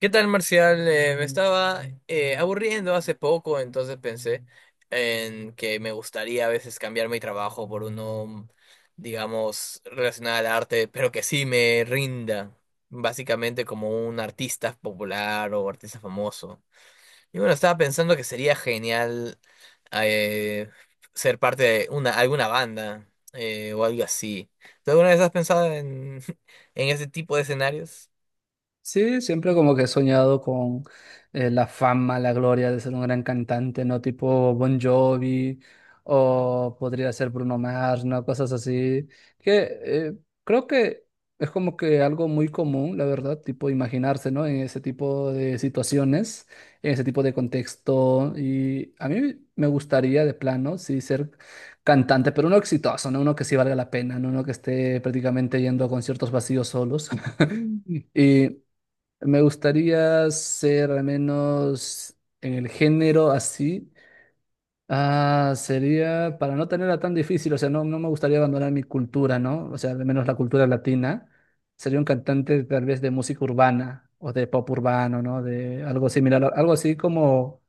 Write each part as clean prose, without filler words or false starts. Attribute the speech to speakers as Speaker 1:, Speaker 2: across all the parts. Speaker 1: ¿Qué tal, Marcial? Me estaba aburriendo hace poco, entonces pensé en que me gustaría a veces cambiar mi trabajo por uno, digamos, relacionado al arte, pero que sí me rinda, básicamente como un artista popular o artista famoso. Y bueno, estaba pensando que sería genial eh, ser parte de una, alguna banda o algo así. ¿Tú alguna vez has pensado en, en ese tipo de escenarios?
Speaker 2: Sí, siempre como que he soñado con la fama, la gloria de ser un gran cantante, ¿no? Tipo Bon Jovi o podría ser Bruno Mars, ¿no? Cosas así. Que Creo que es como que algo muy común, la verdad, tipo imaginarse, ¿no? En ese tipo de situaciones, en ese tipo de contexto. Y a mí me gustaría de plano, sí, ser cantante, pero uno exitoso, ¿no? Uno que sí valga la pena, ¿no? Uno que esté prácticamente yendo a conciertos vacíos solos. Y me gustaría ser al menos en el género así. Ah, sería para no tenerla tan difícil, o sea, no, no me gustaría abandonar mi cultura, ¿no? O sea, al menos la cultura latina. Sería un cantante tal vez de música urbana o de pop urbano, ¿no? De algo similar, algo así como,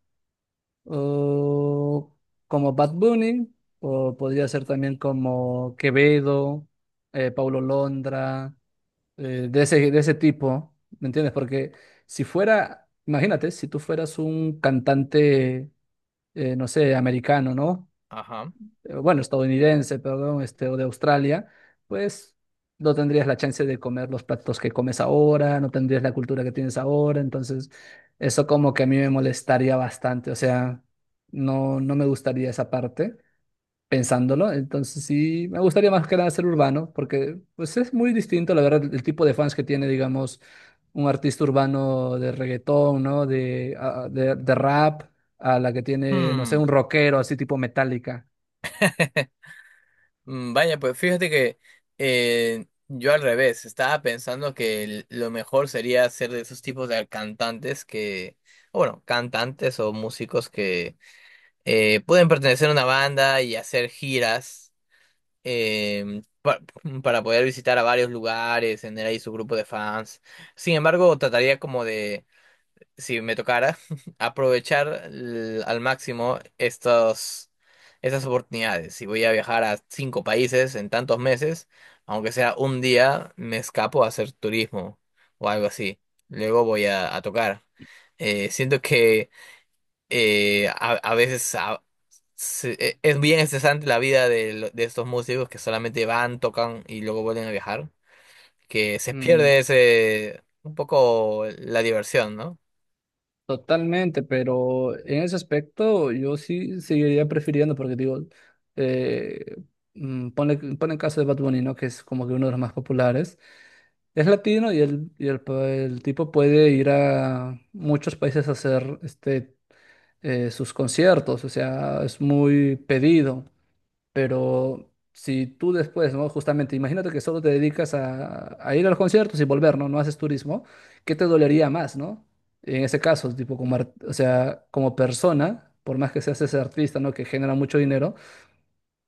Speaker 2: oh, como Bad Bunny, o podría ser también como Quevedo, Paulo Londra, de ese tipo, ¿me entiendes? Porque si fuera, imagínate, si tú fueras un cantante, no sé, americano, ¿no?
Speaker 1: Ajá.
Speaker 2: Bueno, estadounidense, perdón, este, o de Australia, pues no tendrías la chance de comer los platos que comes ahora, no tendrías la cultura que tienes ahora, entonces eso como que a mí me molestaría bastante, o sea, no, no me gustaría esa parte pensándolo. Entonces sí, me gustaría más que nada ser urbano, porque pues es muy distinto, la verdad, el tipo de fans que tiene, digamos, un artista urbano de reggaetón, ¿no? De, ah, de rap, a la que tiene, no sé,
Speaker 1: Hmm.
Speaker 2: un rockero así tipo Metallica.
Speaker 1: Mm, vaya, pues fíjate que yo al revés, estaba pensando que lo mejor sería ser de esos tipos de cantantes que, o bueno, cantantes o músicos que pueden pertenecer a una banda y hacer giras eh, pa- para poder visitar a varios lugares, tener ahí su grupo de fans. Sin embargo, trataría como de si me tocara, aprovechar al máximo estas oportunidades. Si voy a viajar a cinco países en tantos meses, aunque sea un día, me escapo a hacer turismo o algo así. Luego voy a tocar. Siento que a veces es bien estresante la vida de, de estos músicos que solamente van, tocan y luego vuelven a viajar, que se
Speaker 2: Mm,
Speaker 1: pierde ese un poco la diversión, ¿no?
Speaker 2: totalmente, pero en ese aspecto yo sí seguiría prefiriendo, porque digo, eh, ponle el caso de Bad Bunny, ¿no? Que es como que uno de los más populares. Es latino el tipo puede ir a muchos países a hacer este, sus conciertos, o sea, es muy pedido, pero si tú después, ¿no? Justamente, imagínate que solo te dedicas a ir a los conciertos y volver, ¿no? No haces turismo, ¿qué te dolería más, ¿no? En ese caso, tipo, como, o sea, como persona, por más que seas ese artista, ¿no? Que genera mucho dinero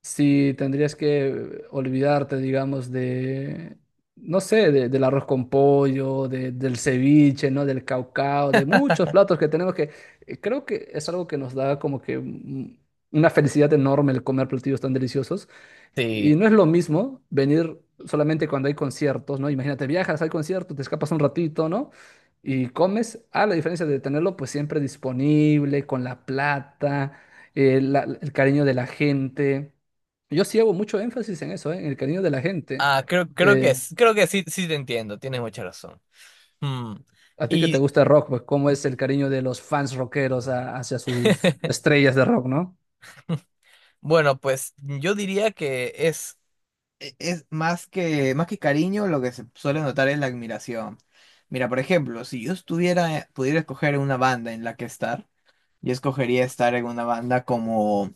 Speaker 2: si tendrías que olvidarte, digamos, de, no sé, del arroz con pollo, del ceviche, ¿no? Del caucao, de muchos platos que tenemos que, creo que es algo que nos da como que una felicidad enorme el comer platillos tan deliciosos. Y
Speaker 1: Sí.
Speaker 2: no es lo mismo venir solamente cuando hay conciertos, ¿no? Imagínate, viajas al concierto, te escapas un ratito, ¿no? Y comes, a la diferencia de tenerlo pues siempre disponible, con la plata, el cariño de la gente. Yo sí hago mucho énfasis en eso, ¿eh? En el cariño de la gente.
Speaker 1: Ah, creo que
Speaker 2: Eh,
Speaker 1: creo que sí, sí te entiendo, tienes mucha razón. Mm,
Speaker 2: a ti que te
Speaker 1: y
Speaker 2: gusta el rock, pues cómo es el cariño de los fans rockeros hacia sus estrellas de rock, ¿no?
Speaker 1: bueno, pues yo diría que es, es más que cariño, lo que se suele notar es la admiración. Mira, por ejemplo, si yo estuviera, pudiera escoger una banda en la que estar, yo escogería estar en una banda como,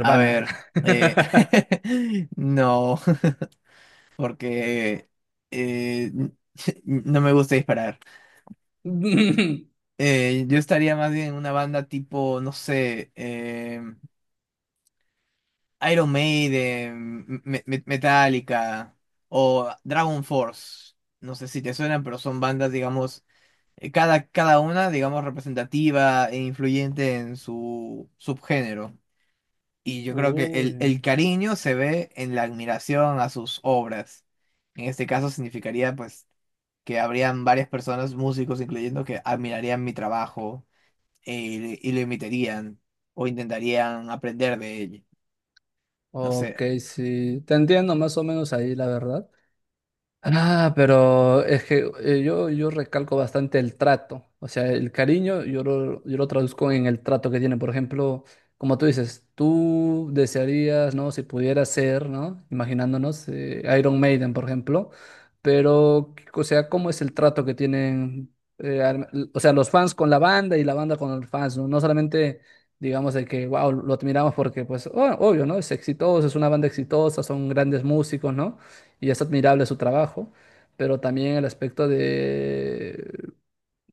Speaker 1: a ver, eh, no, porque eh, no me gusta disparar. Yo estaría más bien en una banda tipo, no sé, Iron Maiden, Metallica o Dragon Force. No sé si te suenan, pero son bandas, digamos, cada una, digamos, representativa e influyente en su subgénero. Y yo creo que
Speaker 2: Uy.
Speaker 1: el cariño se ve en la admiración a sus obras. En este caso significaría, pues, que habrían varias personas, músicos incluyendo, que admirarían mi trabajo y, y lo imitarían o intentarían aprender de él. No sé.
Speaker 2: Ok, sí, te entiendo más o menos ahí, la verdad. Ah, pero es que yo, yo recalco bastante el trato, o sea, el cariño yo lo traduzco en el trato que tiene, por ejemplo, como tú dices, tú desearías, ¿no? Si pudiera ser, ¿no? Imaginándonos Iron Maiden, por ejemplo, pero, o sea, ¿cómo es el trato que tienen, o sea, los fans con la banda y la banda con los fans, ¿no? No solamente, digamos, de que, wow, lo admiramos porque, pues, obvio, ¿no? Es exitoso, es una banda exitosa, son grandes músicos, ¿no? Y es admirable su trabajo, pero también el aspecto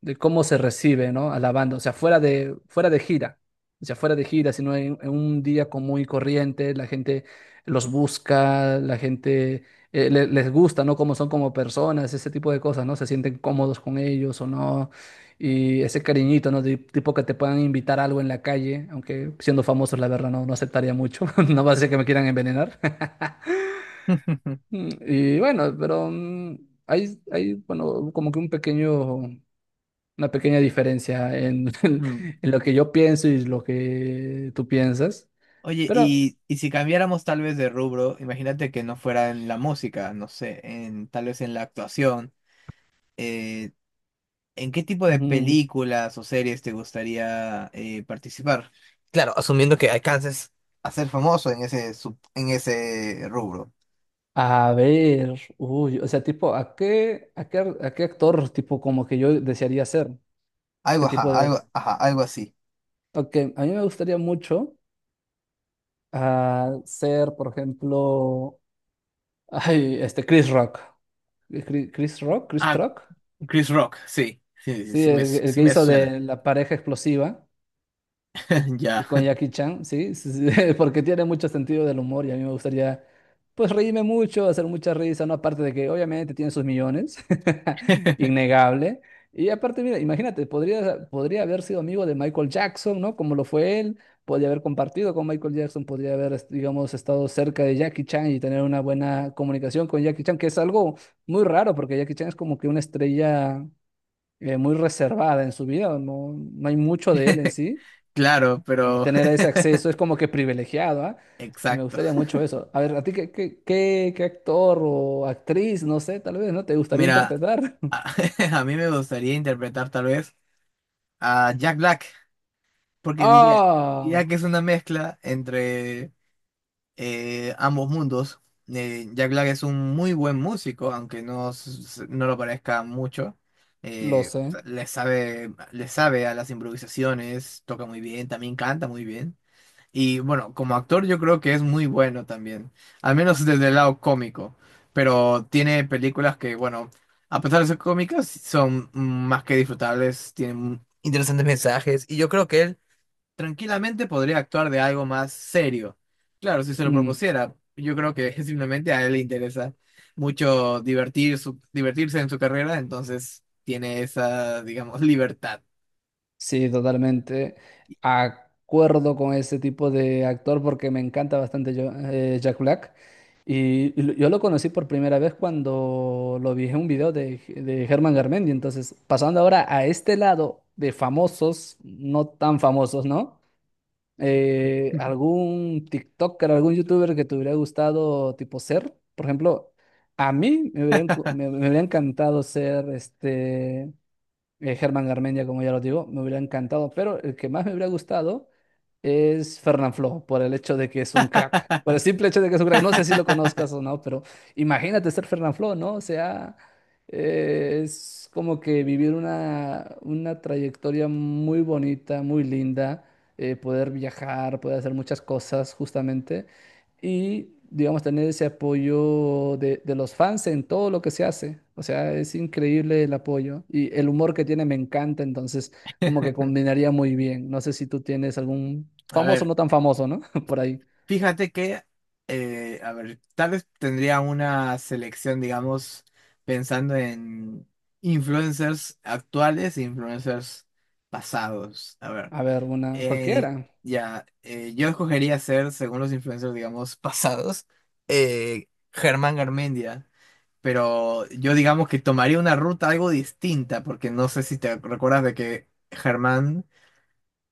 Speaker 2: de cómo se recibe, ¿no? A la banda, o sea, fuera de gira, o sea, fuera de gira, sino en un día común y corriente, la gente los busca, la gente les gusta, ¿no? Cómo son como personas, ese tipo de cosas, ¿no? Se sienten cómodos con ellos o no. Y ese cariñito, ¿no? De, tipo que te puedan invitar algo en la calle, aunque siendo famosos, la verdad, no, no aceptaría mucho. No va a ser que me quieran envenenar. Mm, y bueno, pero bueno, como que un pequeño, una pequeña diferencia en,
Speaker 1: Mm.
Speaker 2: en lo que yo pienso y lo que tú piensas.
Speaker 1: Oye,
Speaker 2: Pero,
Speaker 1: y si cambiáramos tal vez de rubro, imagínate que no fuera en la música, no sé, en, tal vez en la actuación, eh, ¿en qué tipo de
Speaker 2: mm,
Speaker 1: películas o series te gustaría participar? Claro, asumiendo que alcances. A ser famoso en ese, en ese rubro.
Speaker 2: a ver, uy, o sea, tipo, ¿a qué actor, tipo, como que yo desearía ser?
Speaker 1: Algo,
Speaker 2: ¿Qué
Speaker 1: ajá,
Speaker 2: tipo de...?
Speaker 1: algo, ajá, algo así.
Speaker 2: Ok, a mí me gustaría mucho ser, por ejemplo, ay, este, Chris Rock. Chris
Speaker 1: Ah,
Speaker 2: Rock.
Speaker 1: Chris Rock, sí, sí, sí,
Speaker 2: Sí, el
Speaker 1: sí
Speaker 2: que
Speaker 1: me
Speaker 2: hizo
Speaker 1: suena.
Speaker 2: de la pareja explosiva.
Speaker 1: Ya.
Speaker 2: Y con Jackie Chan, sí, sí, sí, porque tiene mucho sentido del humor y a mí me gustaría, pues, reírme mucho, hacer mucha risa, ¿no? Aparte de que obviamente tiene sus millones, innegable. Y aparte, mira, imagínate, podría haber sido amigo de Michael Jackson, ¿no? Como lo fue él, podría haber compartido con Michael Jackson, podría haber, digamos, estado cerca de Jackie Chan y tener una buena comunicación con Jackie Chan, que es algo muy raro, porque Jackie Chan es como que una estrella muy reservada en su vida, no, no hay mucho de él en sí.
Speaker 1: Claro,
Speaker 2: Y
Speaker 1: pero
Speaker 2: tener ese acceso es como que privilegiado, ¿ah? Y me
Speaker 1: exacto.
Speaker 2: gustaría mucho eso. A ver, ¿a ti qué actor o actriz, no sé, tal vez, ¿no? ¿Te gustaría
Speaker 1: Mira,
Speaker 2: interpretar?
Speaker 1: a, a mí me gustaría interpretar tal vez a Jack Black, porque diría, diría
Speaker 2: Ah,
Speaker 1: que es una mezcla entre ambos mundos. Jack Black es un muy buen músico, aunque no, no lo parezca mucho.
Speaker 2: lo
Speaker 1: Eh,
Speaker 2: sé.
Speaker 1: Le sabe, le sabe a las improvisaciones, toca muy bien, también canta muy bien. Y bueno, como actor yo creo que es muy bueno también, al menos desde el lado cómico, pero tiene películas que, bueno, a pesar de ser cómicas, son más que disfrutables, tienen interesantes mensajes y yo creo que él tranquilamente podría actuar de algo más serio. Claro, si se lo
Speaker 2: Mm,
Speaker 1: propusiera, yo creo que simplemente a él le interesa mucho divertirse en su carrera, entonces tiene esa, digamos, libertad.
Speaker 2: sí, totalmente. Acuerdo con ese tipo de actor porque me encanta bastante Jack Black. Y, yo lo conocí por primera vez cuando lo vi en un video de Germán Garmendia. Entonces, pasando ahora a este lado de famosos, no tan famosos, ¿no? ¿Algún TikToker, algún YouTuber que te hubiera gustado tipo ser? Por ejemplo, a mí me hubiera, me hubiera encantado ser este Germán Garmendia, como ya lo digo, me hubiera encantado, pero el que más me hubiera gustado es Fernanfloo, por el hecho de que es un crack. Por el simple hecho de que es un crack. No sé si lo conozcas o no, pero imagínate ser Fernanfloo, ¿no? O sea, es como que vivir una trayectoria muy bonita, muy linda, poder viajar, poder hacer muchas cosas justamente y, digamos, tener ese apoyo de los fans en todo lo que se hace. O sea, es increíble el apoyo y el humor que tiene me encanta, entonces como que combinaría muy bien. No sé si tú tienes algún
Speaker 1: A
Speaker 2: famoso,
Speaker 1: ver.
Speaker 2: no tan famoso, ¿no? Por ahí.
Speaker 1: Fíjate que, a ver, tal vez tendría una selección, digamos, pensando en influencers actuales e influencers pasados. A ver,
Speaker 2: A ver, una
Speaker 1: en-
Speaker 2: cualquiera.
Speaker 1: ya, yo escogería ser, según los influencers, digamos, pasados, eh, Germán Garmendia. Pero yo digamos que tomaría una ruta algo distinta, porque no sé si te recuerdas de que Germán,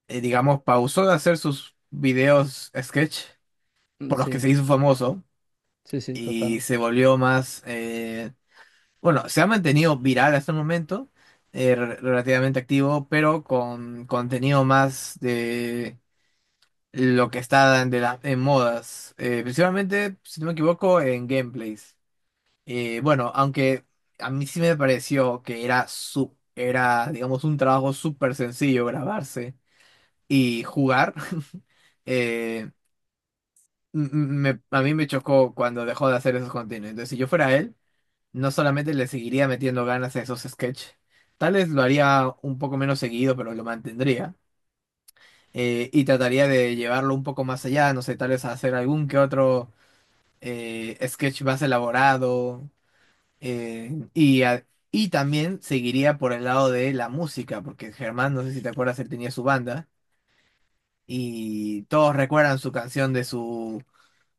Speaker 1: digamos, pausó de hacer sus videos sketch
Speaker 2: Mm,
Speaker 1: por los que
Speaker 2: sí,
Speaker 1: se hizo famoso
Speaker 2: sí, sí,
Speaker 1: y
Speaker 2: total.
Speaker 1: se volvió más, bueno, se ha mantenido viral hasta el momento, relativamente activo, pero con contenido más de lo que está en modas, principalmente, si no me equivoco, en gameplays. Bueno, aunque a mí sí me pareció que era, su, era digamos, un trabajo súper sencillo grabarse y jugar. eh, m- m- a mí me chocó cuando dejó de hacer esos contenidos. Entonces, si yo fuera él, no solamente le seguiría metiendo ganas a esos sketches, tal vez lo haría un poco menos seguido, pero lo mantendría. Y trataría de llevarlo un poco más allá, no sé, tal vez hacer algún que otro sketch más elaborado. eh, y, a- y también seguiría por el lado de la música, porque Germán, no sé si te acuerdas, él tenía su banda y todos recuerdan su canción de su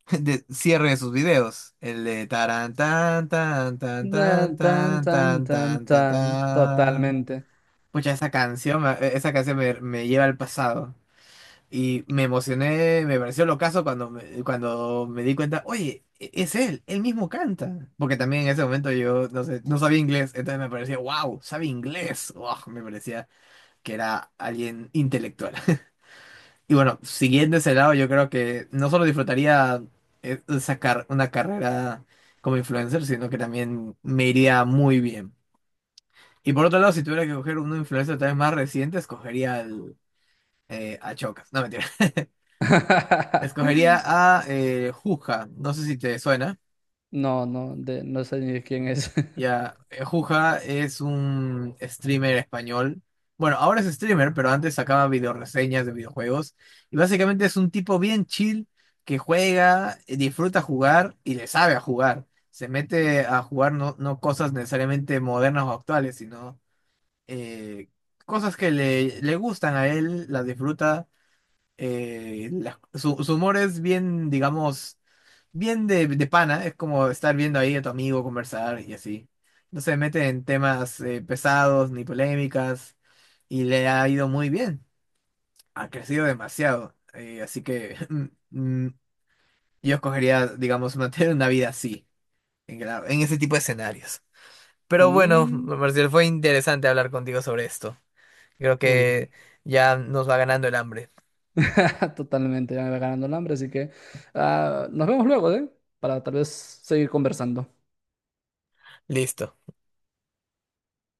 Speaker 1: de cierre de sus videos. El de taran, tan, tan, tan, tan,
Speaker 2: Tan, tan,
Speaker 1: tan,
Speaker 2: tan,
Speaker 1: tan,
Speaker 2: tan,
Speaker 1: tan, tan,
Speaker 2: tan,
Speaker 1: tan.
Speaker 2: totalmente.
Speaker 1: Pucha, esa canción, esa canción me, me lleva al pasado. Y me emocioné, me pareció locazo cuando me di cuenta, oye, es él, él mismo canta. Porque también en ese momento yo, no sé, no sabía inglés, entonces me parecía, wow, sabe inglés. Wow, me parecía que era alguien intelectual. Y bueno, siguiendo ese lado, yo creo que no solo disfrutaría sacar una carrera como influencer, sino que también me iría muy bien. Y por otro lado, si tuviera que coger un influencer tal vez más reciente, escogería al, a Chocas. No, mentira. Escogería a Juja. No sé si te suena.
Speaker 2: No, no, de, no sé ni quién es.
Speaker 1: Ya, Juja es un streamer español. Bueno, ahora es streamer, pero antes sacaba videoreseñas de videojuegos. Y básicamente es un tipo bien chill que juega, disfruta jugar y le sabe a jugar. Se mete a jugar no, no cosas necesariamente modernas o actuales, sino eh, cosas que le gustan a él, las disfruta. Su humor es bien, digamos bien de pana, es como estar viendo ahí a tu amigo conversar y así. No se mete en temas pesados ni polémicas y le ha ido muy bien. Ha crecido demasiado. Así que mm, yo escogería, digamos, mantener una vida así, en, en ese tipo de escenarios. Pero bueno,
Speaker 2: Mm,
Speaker 1: Marcial, fue interesante hablar contigo sobre esto. Creo
Speaker 2: uy,
Speaker 1: que ya nos va ganando el hambre.
Speaker 2: totalmente, ya me va ganando el hambre, así que ah, nos vemos luego, ¿eh? Para tal vez seguir conversando.
Speaker 1: Listo.